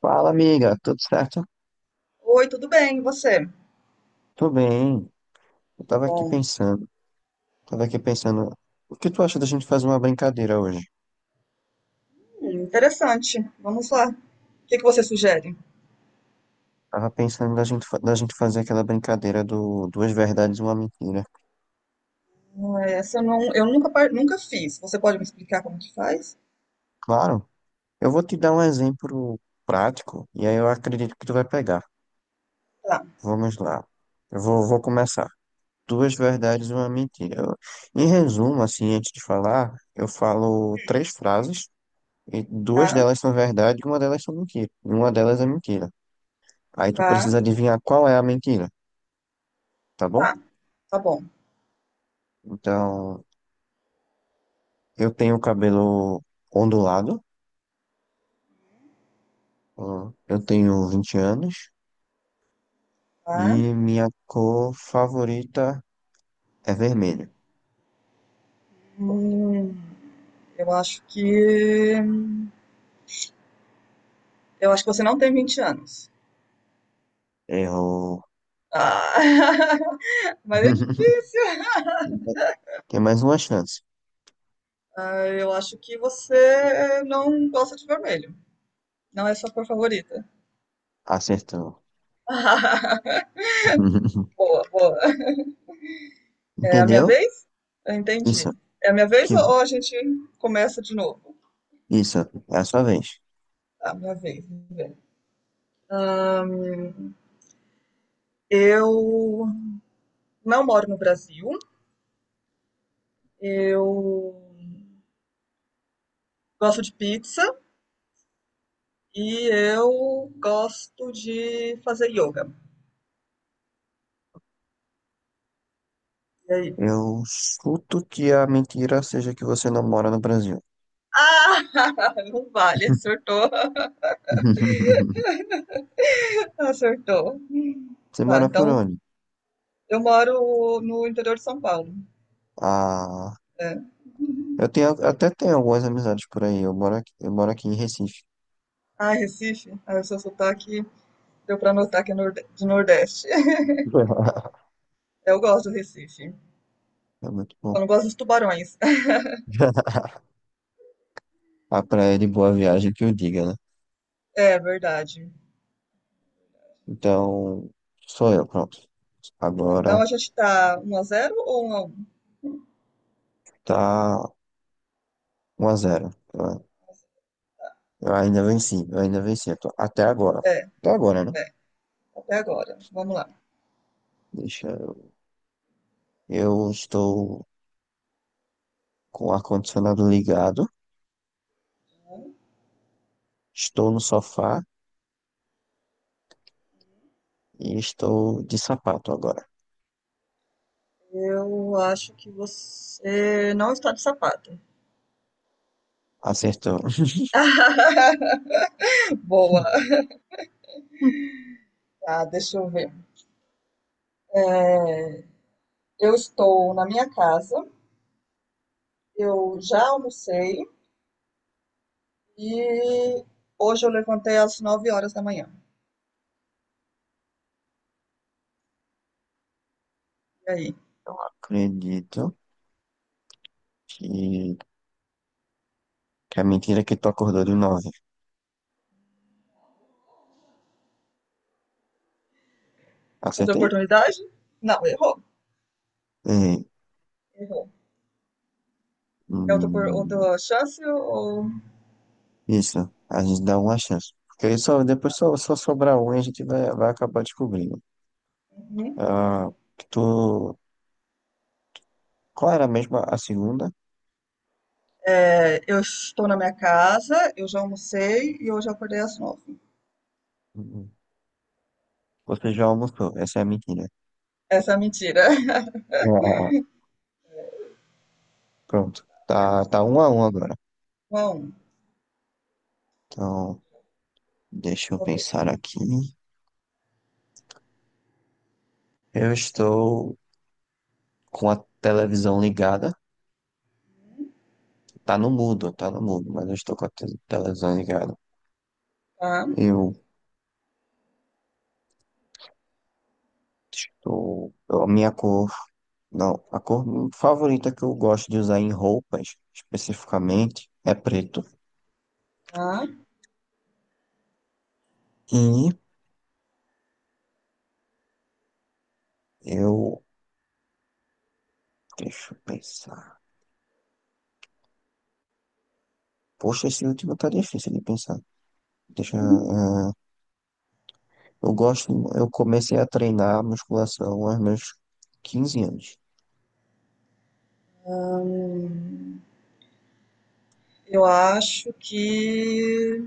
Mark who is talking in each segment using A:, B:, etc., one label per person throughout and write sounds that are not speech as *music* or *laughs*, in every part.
A: Fala, amiga, tudo certo?
B: Oi, tudo bem? E você?
A: Tô bem. Eu tava aqui
B: Bom,
A: pensando, tava aqui pensando, o que tu acha da gente fazer uma brincadeira hoje?
B: interessante. Vamos lá. O que que você sugere?
A: Tava pensando da gente fazer aquela brincadeira do duas verdades e uma mentira.
B: Ah, essa eu, não, eu nunca, nunca fiz. Você pode me explicar como que faz?
A: Claro, eu vou te dar um exemplo prático e aí eu acredito que tu vai pegar.
B: Tá,
A: Vamos lá. Eu vou começar. Duas verdades e uma mentira. Em resumo, assim, antes de falar, eu falo três frases e duas
B: tá,
A: delas são verdade e uma delas são mentira. E uma delas é mentira. Aí tu
B: tá,
A: precisa adivinhar qual é a mentira, tá bom?
B: tá. Tá bom.
A: Então, eu tenho cabelo ondulado, eu tenho 20 anos
B: Tá.
A: e minha cor favorita é vermelho.
B: Hum, eu acho que. Eu acho que você não tem 20 anos.
A: Errou.
B: Ah, *laughs* mas é
A: *laughs*
B: difícil.
A: Tem mais tem mais uma chance.
B: Ah, eu acho que você não gosta de vermelho. Não é sua cor favorita.
A: Acertou.
B: *laughs*
A: *laughs*
B: Boa, boa. É a minha
A: Entendeu?
B: vez? Eu
A: Isso.
B: entendi. É a minha vez
A: Que
B: ou
A: bom.
B: ou a gente começa de novo?
A: Isso. É a sua vez.
B: Tá, minha vez. Vamos ver. Eu não moro no Brasil. Eu gosto de pizza e eu gosto de fazer yoga. E aí?
A: Eu chuto que a mentira seja que você não mora no Brasil.
B: Ah, *laughs* não vale, acertou.
A: *laughs*
B: *laughs* Acertou.
A: Você
B: Tá,
A: mora por
B: então
A: onde?
B: eu moro no interior de São Paulo.
A: Ah.
B: É.
A: Eu tenho, até tenho algumas amizades por aí. Eu moro aqui em Recife.
B: Ah, Recife. Ah, o seu sotaque deu pra notar que é de Nordeste. *laughs*
A: *laughs*
B: Eu gosto do Recife.
A: É muito bom.
B: Só não gosto dos tubarões. *laughs*
A: *laughs* A praia de Boa Viagem que eu diga, né?
B: É verdade.
A: Então, sou eu, pronto.
B: Então
A: Agora
B: a gente tá 1-0 ou um?
A: tá um a zero. Eu ainda venci, eu ainda venci.
B: X
A: Até agora.
B: 1 É,
A: Até agora, né?
B: até agora. Vamos lá.
A: Deixa eu. Eu estou com o ar-condicionado ligado, estou no sofá e estou de sapato agora.
B: Eu acho que você não está de sapato.
A: Acertou.
B: *laughs* Boa.
A: *laughs*
B: Tá, deixa eu ver. Eu estou na minha casa, eu já almocei e hoje eu levantei às 9 horas da manhã. E aí?
A: Acredito que, que a mentira que tu acordou de 9.
B: Outra
A: Acertei?
B: oportunidade? Não, errou.
A: É,
B: Errou. É outra,
A: hum,
B: outra chance ou.
A: isso, a gente dá uma chance. Porque aí só, depois só sobrar um e a gente vai acabar descobrindo.
B: Uhum.
A: Ah, tu, qual era mesmo a segunda?
B: É, eu estou na minha casa, eu já almocei e hoje eu acordei às 9.
A: Hum, Você já almoçou, essa é a mentira.
B: Essa é a mentira. *laughs*
A: Ah, pronto, tá, tá um a um agora.
B: Bom,
A: Então, deixa eu
B: sua vez.
A: pensar aqui. Eu estou com a televisão ligada. Tá no mudo, mas eu estou com a televisão ligada.
B: Tá,
A: Eu estou, a minha cor, não, a cor favorita que eu gosto de usar em roupas, especificamente, é preto.
B: tá.
A: E eu, deixa eu pensar. Poxa, esse último tá difícil de pensar. Deixa, eu comecei a treinar musculação aos meus 15 anos.
B: Hum, eu acho que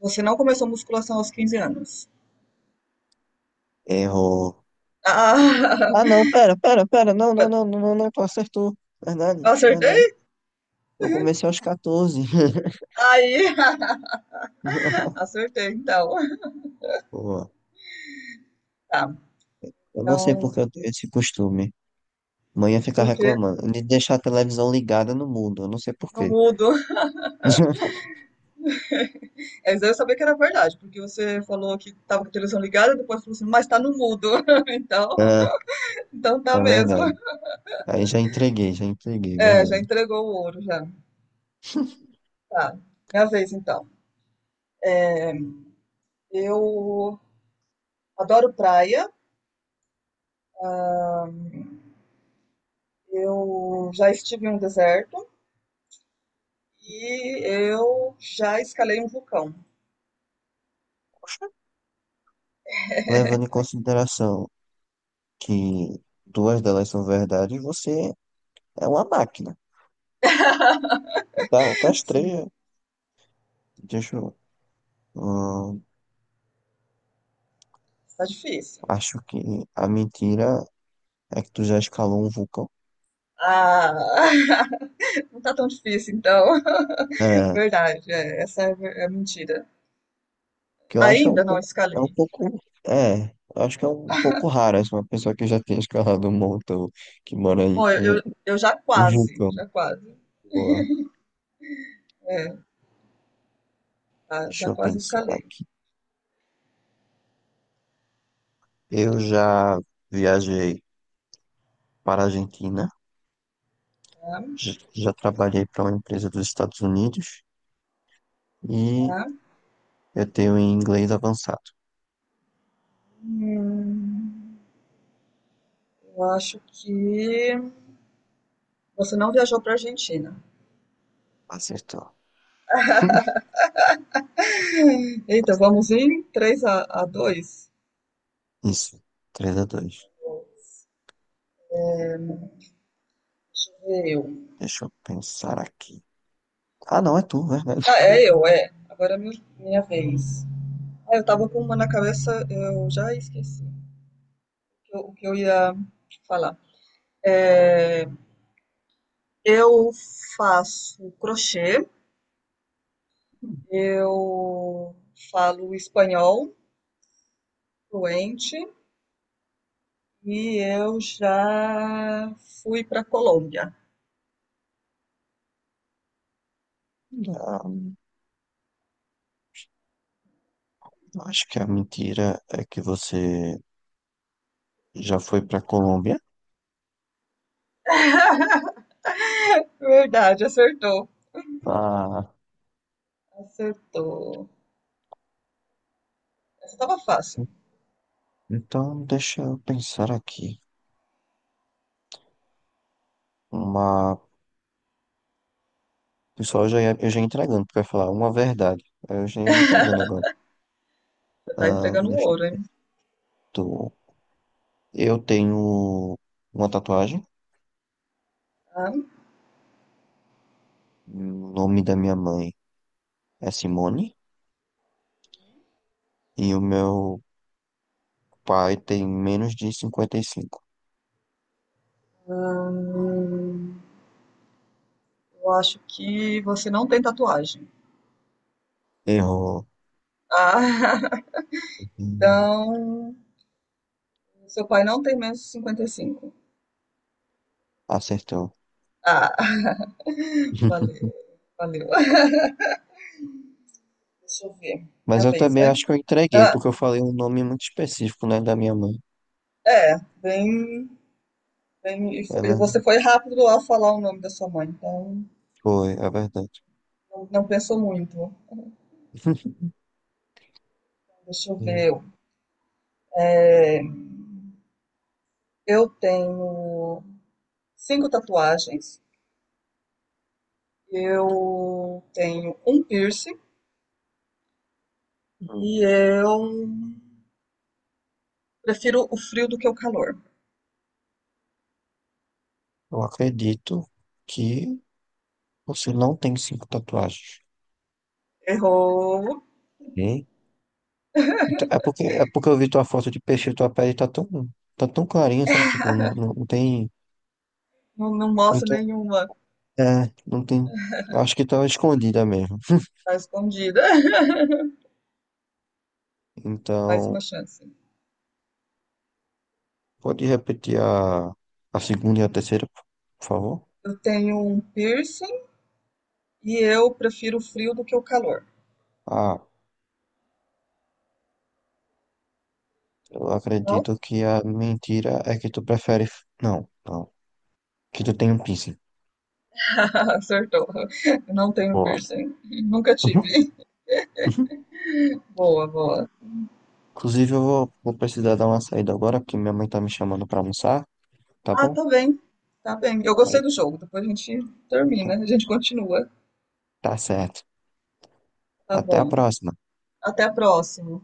B: você não começou musculação aos 15 anos.
A: Erro.
B: Ah, *laughs*
A: Ah, não, pera, pera, pera, não, não, não, não, não, não, tu acertou. Verdade, verdade.
B: acertei?
A: Eu comecei aos 14.
B: Aí, *laughs*
A: *laughs*
B: acertei, então.
A: Pô,
B: Tá.
A: eu não sei
B: Então,
A: porque eu tenho esse costume. Não ia ficar
B: o quê?
A: reclamando de deixar a televisão ligada no mundo. Eu não sei por
B: No
A: quê.
B: mudo.
A: *laughs*
B: Mas eu sabia que era verdade, porque você falou que tava com a televisão ligada, depois falou assim, mas tá no mudo. *laughs* Então,
A: É,
B: tá
A: é
B: mesmo.
A: verdade. Aí já entreguei, é
B: É, já
A: verdade.
B: entregou o ouro, já. Tá, minha vez então. Eu adoro praia, eu já estive em um deserto e eu já escalei um vulcão.
A: Poxa. Levando em consideração que duas delas são verdade, você é uma máquina.
B: *laughs*
A: Tá, tá
B: Sim,
A: estranho. Deixa eu. hum,
B: tá difícil.
A: Acho que a mentira é que tu já escalou um vulcão.
B: Ah, *laughs* não tá tão difícil então. *laughs*
A: É,
B: Verdade, é, essa é, é mentira.
A: que eu acho é um
B: Ainda não
A: pouco. É um
B: escalei.
A: pouco. É, eu acho que é um pouco raro essa uma pessoa que já tenha escalado um montão que mora em
B: Bom, eu,
A: um,
B: eu, eu já
A: um
B: quase,
A: vulcão.
B: já quase.
A: Boa,
B: É, tá,
A: deixa
B: já
A: eu
B: quase
A: pensar
B: escalei.
A: aqui. Eu já viajei para a Argentina,
B: Tá?
A: já trabalhei para uma empresa dos Estados Unidos e
B: Tá?
A: eu tenho um inglês avançado.
B: Hum, eu acho que. Você não viajou para a Argentina.
A: Acertou. *laughs*
B: Eita, vamos em 3 a 2?
A: Isso, 3 a dois.
B: Deixa eu ver eu.
A: Deixa eu pensar aqui. Ah, não, é tu, verdade.
B: Ah, é eu, é. Agora é minha vez. Ah, eu tava com uma na cabeça, eu já esqueci o que eu ia falar. Eu faço crochê, eu falo espanhol fluente e eu já fui para Colômbia.
A: Ah, *laughs* acho que a mentira é que você já foi para Colômbia.
B: Verdade, acertou.
A: Ah,
B: Acertou. Essa tava fácil.
A: então deixa eu pensar aqui. Uma. Pessoal, eu já ia entregando, pra falar uma verdade. Aí eu já ia me entregando agora.
B: Você tá
A: Ah,
B: entregando o
A: deixa
B: ouro,
A: eu...
B: hein?
A: tô- eu tenho uma tatuagem.
B: Tá.
A: O nome da minha mãe é Simone. E o meu pai tem menos de 55.
B: Hum, eu acho que você não tem tatuagem.
A: Errou.
B: Ah, *laughs*
A: Hum,
B: então, seu pai não tem menos de 55.
A: Acertou.
B: Ah, *laughs* valeu,
A: *laughs*
B: valeu. Deixa eu ver.
A: Mas
B: Minha
A: eu
B: vez,
A: também
B: né?
A: acho que eu entreguei,
B: Ah,
A: porque eu falei um nome muito específico, né, da minha mãe.
B: é, bem, bem. E
A: É
B: fo- e você
A: verdade.
B: foi rápido ao falar o nome da sua mãe, então
A: Foi, é verdade.
B: não, não pensou muito.
A: *laughs*
B: Deixa eu
A: E,
B: ver. Eu tenho cinco tatuagens, eu tenho um piercing
A: hum,
B: e eu prefiro o frio do que o calor.
A: eu acredito que você não tem cinco tatuagens.
B: Errou.
A: Ok? Então, é porque, eu vi tua foto de peixe, tua pele tá tão clarinha, sabe? Tipo, não, não, não tem.
B: Não, não mostra
A: Então,
B: nenhuma.
A: é, não tem. Acho que tá escondida mesmo.
B: Tá escondida. *laughs* Mais uma
A: Então,
B: chance.
A: pode repetir a segunda e a terceira, por favor?
B: Eu tenho um piercing e eu prefiro o frio do que o calor.
A: Ah, eu
B: Qual?
A: acredito que a mentira é que tu prefere. Não, não. Que tu tem um piercing.
B: *laughs* Acertou. Eu não tenho
A: Boa.
B: piercing. Nunca
A: Uhum,
B: tive.
A: uhum.
B: Boa, boa.
A: Inclusive, eu vou precisar dar uma saída agora, porque minha mãe tá me chamando pra almoçar, tá
B: Ah,
A: bom?
B: tá bem. Tá bem. Eu gostei
A: Aí,
B: do jogo. Depois a gente
A: então,
B: termina. A gente continua.
A: tá certo.
B: Tá
A: Até a
B: bom.
A: próxima.
B: Até a próxima.